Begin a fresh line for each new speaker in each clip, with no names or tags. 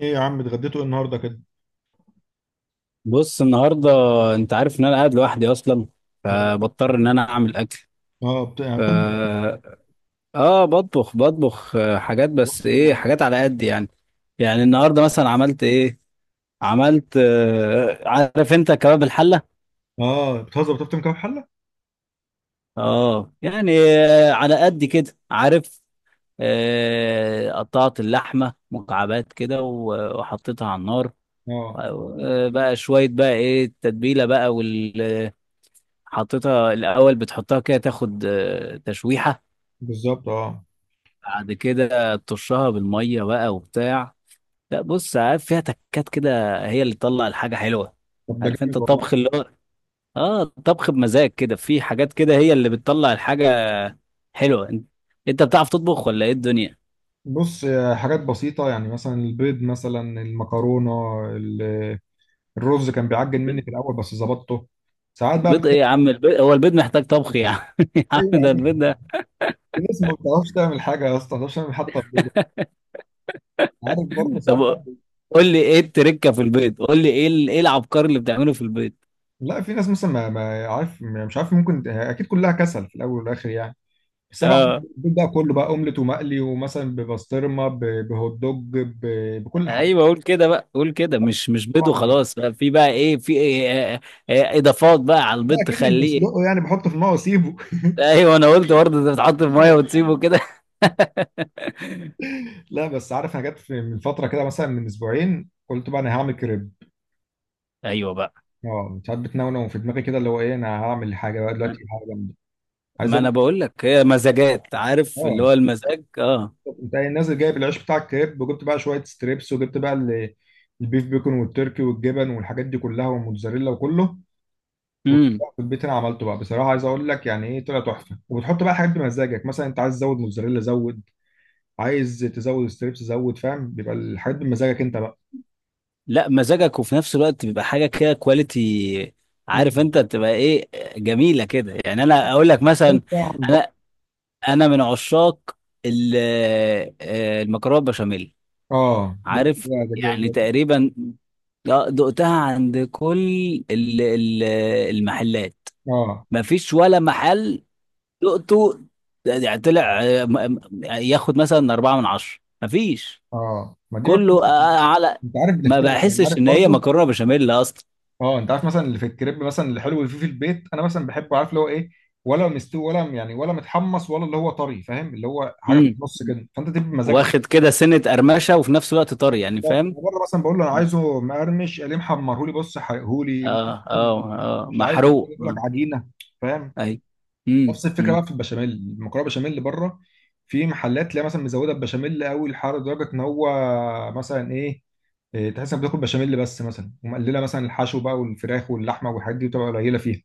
ايه يا عم اتغديتوا ايه النهارده كده؟
بص النهارده، انت عارف ان انا قاعد لوحدي اصلا،
اه.
فبضطر ان
إيه؟
انا اعمل اكل.
اه، يعني
ف
بتطبخ.
اه بطبخ حاجات.
بتطبخ
بس
إيه
ايه؟
النهاردة؟
حاجات على قد يعني. يعني
اه.
النهارده مثلا عملت ايه؟ عملت عارف انت كباب الحله.
اه بتهزر بتفطم كام حله؟
اه يعني على قد كده عارف. قطعت اللحمه مكعبات كده وحطيتها على النار.
اه
بقى شويه بقى ايه التتبيله بقى. حطيتها الاول، بتحطها كده تاخد تشويحه.
بالظبط اه.
بعد كده ترشها بالميه بقى وبتاع. لا بص، عارف فيها تكات كده هي اللي تطلع الحاجه حلوه.
طب ده
عارف انت
جامد والله.
الطبخ اللي هو اه الطبخ بمزاج كده، في حاجات كده هي اللي بتطلع الحاجه حلوه. انت بتعرف تطبخ ولا ايه الدنيا؟
بص، حاجات بسيطه يعني مثلا البيض مثلا المكرونه. ال- الرز كان بيعجن مني
بيض.
في الاول بس ظبطته. ساعات بقى
بيض ايه يا عم؟ البيض هو البيض محتاج طبخ يا عم؟ يا
ايوه
عم
يا
ده
عم.
البيض ده.
في ناس ما بتعرفش تعمل حاجه يا اسطى، ما بتعرفش تعمل حتى البيض. عارف برضه ساعات
طب
بقى
قول لي ايه التركه في البيض، قول لي ايه ايه العبقري اللي بتعمله في البيض.
لا، في ناس مثلا ما عارف، مش عارف، ممكن اكيد كلها كسل في الاول والاخر يعني. السبع
اه
البيت بقى كله بقى اومليت ومقلي ومثلا ببسطرمه بهوت دوج بكل حاجه.
ايوه، قول كده بقى، قول كده، مش بيض
طبعاً.
وخلاص بقى، في بقى ايه؟ في إيه اضافات بقى على
لا
البيض
اكيد مش
تخليه
بسلقه
إيه؟
يعني بحطه في الماء واسيبه.
ايوه انا قلت برضه انت بتحط في ميه وتسيبه كده.
لا بس عارف، انا جت من فتره كده مثلا من اسبوعين قلت بقى انا هعمل كريب.
ايوه بقى.
اه، ساعات بتنونو في دماغي كده اللي هو ايه، انا هعمل حاجه بقى دلوقتي حاجه جامده. عايز
ما
اقول
انا بقول لك، هي مزاجات. عارف اللي
اه.
هو المزاج. اه.
انت نازل جايب العيش بتاع الكريب، وجبت بقى شويه ستريبس، وجبت بقى البيف بيكون والتركي والجبن والحاجات دي كلها والموتزاريلا وكله.
امم
في البيت انا عملته بقى، بصراحه عايز اقول لك يعني ايه، طلع تحفه. وبتحط بقى حاجات بمزاجك، مثلا انت عايز تزود موتزاريلا زود، عايز تزود ستريبس زود. فاهم، بيبقى الحاجات بمزاجك انت بقى.
لا، مزاجك وفي نفس الوقت بيبقى حاجه كده كواليتي. عارف
مم.
انت بتبقى ايه، جميله كده. يعني انا اقول لك
مختلف
مثلا،
بقى عن بره.
انا انا من عشاق ال- المكرونه بشاميل.
اه، دي
عارف
لا،
يعني تقريبا، لا، دقتها عند كل ال- ال- المحلات.
اه.
ما فيش ولا محل دقته. يعني طلع ياخد مثلا أربعة من عشرة. ما فيش.
اه، ما دي برضه
كله على.
انت عارف
ما
بتختلف يعني،
بحسش
عارف
إن هي
برضه.
مكرونة بشاميل أصلا.
اه، انت عارف مثلا اللي في الكريب مثلا الحلو اللي فيه في البيت، انا مثلا بحبه عارف اللي هو ايه، ولا مستوي ولا يعني ولا متحمص، ولا اللي هو طري، فاهم اللي هو حاجه في
امم
النص كده، فانت تبقى بمزاجك.
واخد كده سنة قرمشة وفي نفس الوقت طري، يعني
بالظبط،
فاهم؟
أنا بره مثلا بقول له انا عايزه مقرمش، قال لي محمرهولي، بص حرقهولي
اه
مثلاً.
اه اه.
مش عايز
محروق.
يقول لك
أمم.
عجينه. فاهم.
أي.
نفس الفكره
امم
بقى في البشاميل، المكرونه بشاميل بره، في محلات تلاقي مثلا مزوده البشاميل قوي الحر لدرجه ان هو مثلا ايه، تحس انك بتاكل بشاميل بس، مثلا ومقلله مثلا الحشو بقى والفراخ واللحمه والحاجات دي بتبقى قليله فيها.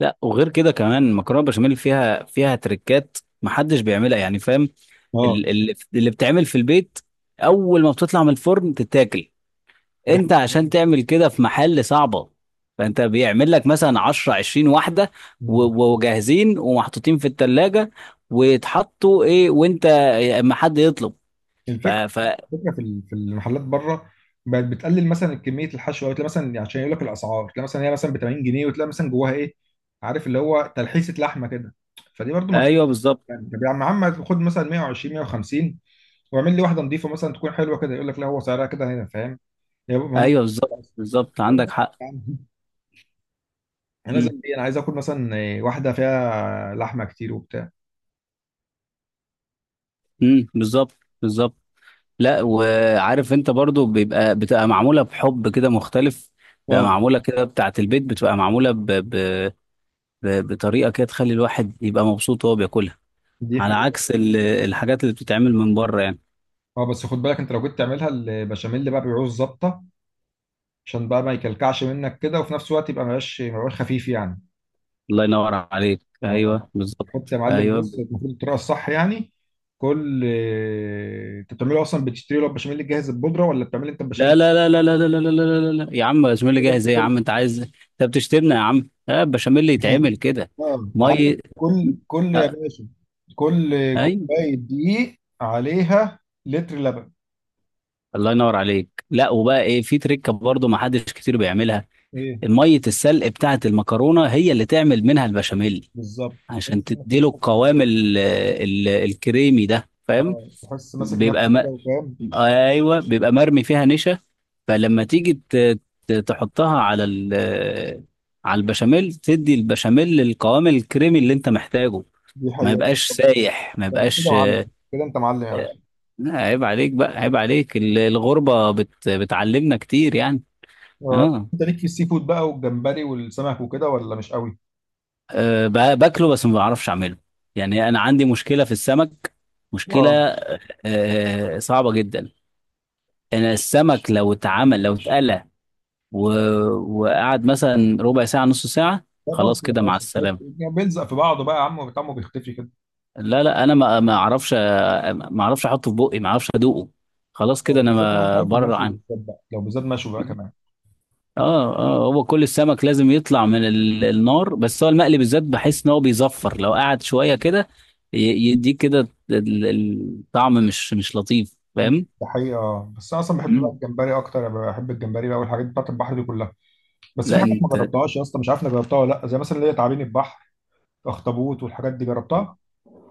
لا وغير كده، كمان المكرونه بشاميل فيها تريكات محدش بيعملها يعني، فاهم؟
اه.
اللي بتعمل في البيت اول ما بتطلع من الفرن تتاكل.
دي
انت
حقيقة.
عشان تعمل كده في محل صعبه، فانت بيعمل لك مثلا 10 20 واحده
مم.
وجاهزين ومحطوطين في التلاجة، ويتحطوا ايه وانت اما حد يطلب. ف...
الفكره
ف...
الفكره في في المحلات بره بقت بتقلل مثلا كميه الحشوه، وتلاقي مثلا عشان يقول لك الاسعار تلاقي مثلا هي مثلا ب 80 جنيه، وتلاقي مثلا جواها ايه، عارف اللي هو تلحيسه لحمه كده. فدي برضو ما
ايوه بالظبط.
يعني، طب يا عم خد مثلا 120 150، واعمل لي واحده نظيفه مثلا تكون حلوه كده. يقول لك لا هو سعرها كده هنا، فاهم. يا بابا هم،
ايوه بالظبط بالظبط، عندك حق.
انا لازم ايه، انا عايز اكل مثلا، واحده فيها لحمه كتير وبتاع.
بالظبط بالظبط. لا، وعارف انت برضو بيبقى بتبقى معموله بحب كده مختلف، بتبقى
اه
معموله كده بتاعه البيت، بتبقى معموله بطريقه كده تخلي الواحد يبقى مبسوط وهو بياكلها.
دي
على
حقيقة.
عكس الحاجات اللي بتتعمل من بره يعني.
اه بس خد بالك، انت لو جيت تعملها البشاميل بقى بيعوز ظبطه، عشان بقى ما يكلكعش منك كده، وفي نفس الوقت يبقى مبقاش خفيف يعني.
الله ينور عليك.
اه.
ايوه بالظبط.
حط يا معلم،
ايوه.
بص المفروض الطريقه الصح يعني. كل، انت بتعمله اصلا، بتشتري له البشاميل الجاهز البودره، ولا بتعمل انت البشاميل
لا لا لا لا لا لا لا لا لا لا لا. يا عم بشاميل
الجاهز ده
جاهز
انت
ايه يا
كله.
عم، انت عايز انت بتشتمنا يا عم؟ اه بشاميل يتعمل كده.
اه
مي
عارف، كل كل يا
آه،
باشا، كل
ايوه.
كوبايه دقيق عليها لتر لبن.
الله ينور عليك. لا وبقى ايه، في تريكه برضو ما حدش كتير بيعملها.
ايه
ميه السلق بتاعه المكرونه هي اللي تعمل منها البشاميل،
بالظبط.
عشان
تحس إنك
تديله
مش فاكر.
القوام ال ال الكريمي ده، فاهم؟
اه، تحس ماسك
بيبقى
نفسه كده وفاهم.
ايوه بيبقى مرمي فيها نشا، فلما تيجي تحطها على على البشاميل، تدي البشاميل القوام الكريمي اللي انت محتاجه.
دي
ما
حقيقة.
يبقاش سايح، ما
ده انت كده
يبقاش.
معلم، كده انت معلم يا باشا.
لا، عيب عليك بقى، عيب عليك. الغربة بتعلمنا كتير يعني.
اه،
اه.
انت ليك في السي فود بقى والجمبري والسمك وكده ولا مش قوي؟
أه، باكله بس ما بعرفش اعمله. يعني انا عندي مشكله في السمك. مشكله.
اه.
أه صعبه جدا. انا السمك لو اتعمل، لو اتقلى و... وقعد مثلا ربع ساعه نص ساعه،
لا خلاص
خلاص
كده،
كده مع
خلاص
السلامه.
يعني بيلزق في بعضه بقى يا عم، طعمه بيختفي كده.
لا لا، انا ما اعرفش، ما اعرفش احطه في بقي، ما اعرفش ادوقه. خلاص كده،
اه
انا
بالذات، لو انت
ما
عارف
بره
المشوي
عنه.
بالذات بقى، لو بالذات مشوي بقى كمان.
اه اه، هو كل السمك لازم يطلع من النار. بس هو المقلي بالذات بحس ان هو بيزفر لو قعد شويه كده ي- يديك كده الطعم مش لطيف، فاهم؟
ده حقيقة. اه بس انا اصلا بحب بقى
مم.
الجمبري اكتر. أنا بحب الجمبري بقى والحاجات بتاعت البحر دي كلها. بس في
لا
حاجات ما
انت.
جربتهاش يا اسطى، مش عارف انا جربتها ولا لا، زي مثلا اللي هي تعابين البحر، اخطبوط والحاجات دي جربتها.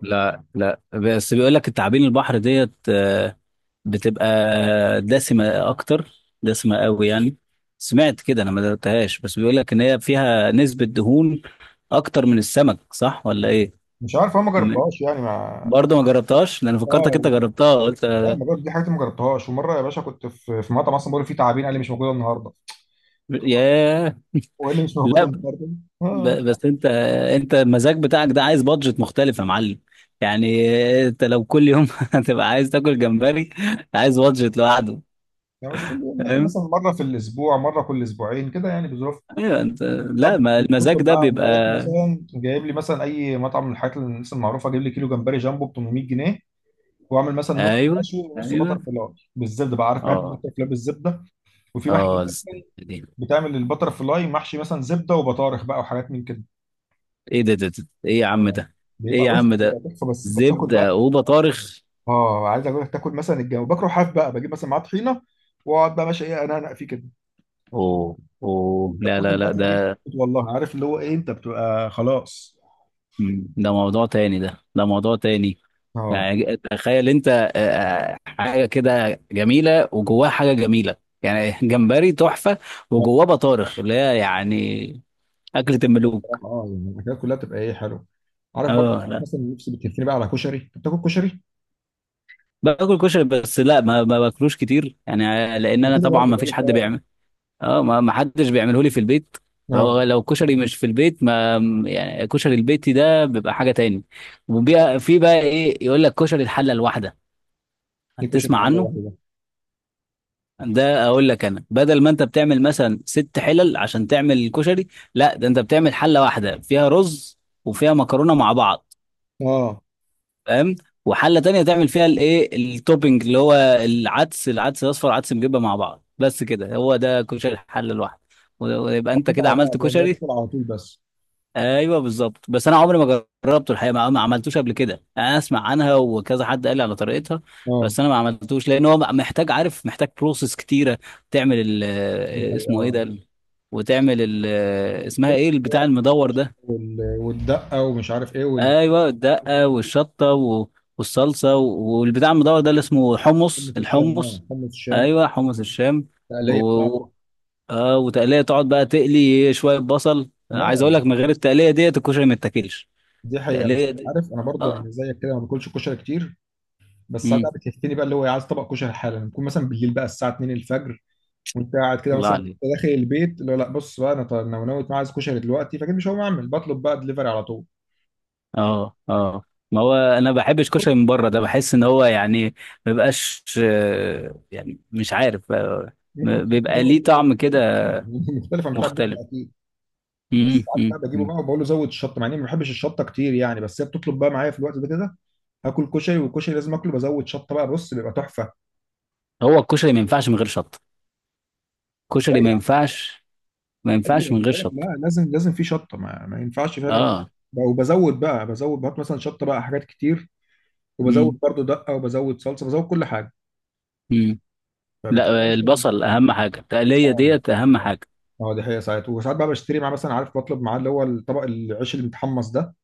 لا لا، بس بيقول لك التعابين البحر ديت بتبقى دسمه اكتر، دسمه قوي يعني. سمعت كده، انا ما دقتهاش، بس بيقول لك ان هي فيها نسبه دهون اكتر من السمك، صح ولا ايه؟
مش عارف، انا ما
بم-
جربتهاش يعني مع
برضه ما
اصلا.
جربتهاش، لان فكرتك
اه.
انت جربتها، قلت
لا ما جرب- دي حاجات ما جربتهاش. ومره يا باشا كنت في مطعم اصلا بقول فيه تعابين، قال لي مش موجوده النهارده.
ياه.
هو إيه اللي مش موجود
لا
النهارده. اه.
بس انت، انت المزاج بتاعك ده عايز بادجت مختلف يا معلم. يعني انت لو كل يوم هتبقى عايز تاكل جمبري، عايز بادجت لوحده،
يعني مش كل يوم، يعني
فاهم؟
مثلا مره في الاسبوع، مره كل اسبوعين كده يعني بظروف.
ايوه. انت
ساعات
لا ما المزاج
بتطلب
ده
معاهم
بيبقى.
رايح مثلا جايب لي مثلا اي مطعم من الحاجات اللي الناس المعروفه جايب لي كيلو جمبري جامبو ب 800 جنيه، واعمل مثلا نص
ايوه
مشوي ونص بتر
ايوه.
فلاي بالزبده بقى. عارف بحب
اه
البتر فلاي بالزبده، وفي محلات
اه. الزبدة
اصلا
دي.
بتعمل البتر فلاي محشي مثلا زبده وبطارخ بقى وحاجات من كده.
ايه ده ايه يا عم
اه
ده؟ ايه
بيبقى،
يا
بص
عم
بيبقى
ده،
تحفه بس انت بتاكل بقى.
زبدة وبطارخ؟
اه، عايز اقول لك، تاكل مثلا الجو، بكره حاف بقى، بجيب مثلا معاه طحينه، واقعد بقى ماشي ايه انا فيه كده.
اوه اوه.
انت
لا
بتاكل
لا لا
الاكله دي
ده.
بتموت والله، عارف اللي هو ايه انت بتبقى خلاص.
ده موضوع تاني، ده موضوع تاني.
اه.
يعني تخيل انت حاجه كده جميله وجواها حاجه جميله، يعني جمبري تحفه
لا،
وجواه بطارخ، اللي هي يعني اكله الملوك.
بصراحه اه يعني الاكلات كلها بتبقى ايه حلو. عارف برضه،
اه لا،
مثلا نفسي بتكفيني بقى على كشري، انت بتاكل كشري؟
باكل كشري بس، لا ما باكلوش كتير يعني، لان
انا
انا
كده
طبعا
برضه
ما
بقول
فيش
لك
حد
اه.
بيعمل. اه، ما حدش بيعمله لي في البيت،
اه.
فهو لو كشري مش في البيت ما... يعني كشري البيتي ده بيبقى حاجه تاني.
اه
وبيبقى في بقى ايه، يقول لك كشري الحله الواحده،
دي كشري
هتسمع
حله
عنه.
واحده.
ده اقول لك، انا بدل ما انت بتعمل مثلا ست حلل عشان تعمل الكشري، لا ده انت بتعمل حله واحده فيها رز وفيها مكرونه مع بعض،
اه
فاهم؟ وحله تانية تعمل فيها الايه التوبينج، اللي هو العدس، العدس الاصفر، عدس مجبه مع بعض، بس كده. هو ده كشري الحله الواحده. ويبقى انت
محطوط
كده
على
عملت
بعض يعني هو
كشري.
تاكل على طول بس.
ايوه بالظبط. بس انا عمري ما جربته الحقيقه، ما عملتوش قبل كده، انا اسمع عنها وكذا حد قال لي على طريقتها،
اه
بس انا ما عملتوش لان هو محتاج عارف، محتاج بروسيس كتيره. تعمل ال
دي
آه،
حقيقه
اسمه ايه
اه.
ده وتعمل ال آه، اسمها ايه البتاع المدور ده.
والدقه ومش عارف ايه وال
ايوه الدقه والشطه والصلصه والبتاع المدور ده اللي اسمه حمص
حمص الشام. اه
الحمص.
حمص الشام،
ايوه حمص الشام.
التقليه بتاعته.
و... اه وتقليه. تقعد بقى تقلي شويه بصل، عايز اقول لك
اه
من غير التقليه ديت الكشري ما يتاكلش.
دي حقيقه. بس
تقلية دي.
عارف، انا برضو
اه.
يعني زيك كده ما باكلش كشري كتير. بس ساعات
امم
بقى بتهفني بقى اللي هو، عايز طبق كشري حالا، بكون مثلا بالليل بقى الساعه 2 الفجر، وانت قاعد كده
الله
مثلا، وأنت
عليك.
داخل البيت اللي هو لا بص بقى، انا طيب انا ناوي أنا عايز كشري دلوقتي، فاكيد مش هقوم اعمل، بطلب بقى دليفري على طول.
اه اه، ما هو انا ما بحبش كشري من بره، ده بحس ان هو يعني ما بيبقاش يعني مش عارف
ممكن.
بيبقى ليه طعم كده
اه مختلف عن بتاع البيت ده
مختلف.
اكيد. بس عارف بقى بجيبه
أمم.
بقى وبقول له زود الشطه، مع اني ما بحبش الشطه كتير يعني، بس هي بتطلب بقى معايا في الوقت ده كده. هاكل كشري والكشري لازم اكله بزود شطه بقى، بص بيبقى تحفه.
هو الكشري ما ينفعش من غير شطه،
لا
الكشري ما
يا-
ينفعش، ما
ايوه
ينفعش من
أنا
غير
بقولك
شطه.
لا، لازم لازم في شطه، ما ينفعش فعلا.
اه.
وبزود بقى بزود، بحط مثلا شطه بقى حاجات كتير، وبزود
امم
برضو دقه، وبزود صلصه، بزود كل حاجه.
امم.
فبتلاقي
لا
اصلا
البصل
بيطلع-.
اهم حاجه، التقليه
اه
ديت اهم
اه
حاجه.
اه دي حقيقه. ساعات وساعات بقى بشتري معاه مثلا، عارف بطلب معاه اللي هو الطبق، العيش اللي متحمص ده،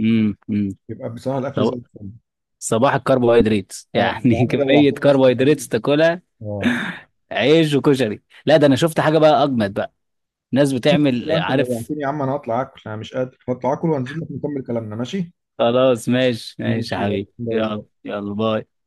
امم.
بيبقى بصراحه الاكل زي
صب-
الفل.
صباح الكربوهيدرات
اه، انت
يعني.
يا عم
كميه
جوعتني اصلا.
كربوهيدرات تاكلها،
اه
عيش وكشري. لا ده انا شفت حاجه بقى اجمد بقى، ناس بتعمل
لا، انت
عارف.
جوعتني يا عم، انا هطلع اكل، انا مش قادر، هطلع اكل وانزل لك نكمل كلامنا ماشي.
خلاص ماشي ماشي يا
ماشي يلا
حبيبي، يلا
باي.
يلا باي.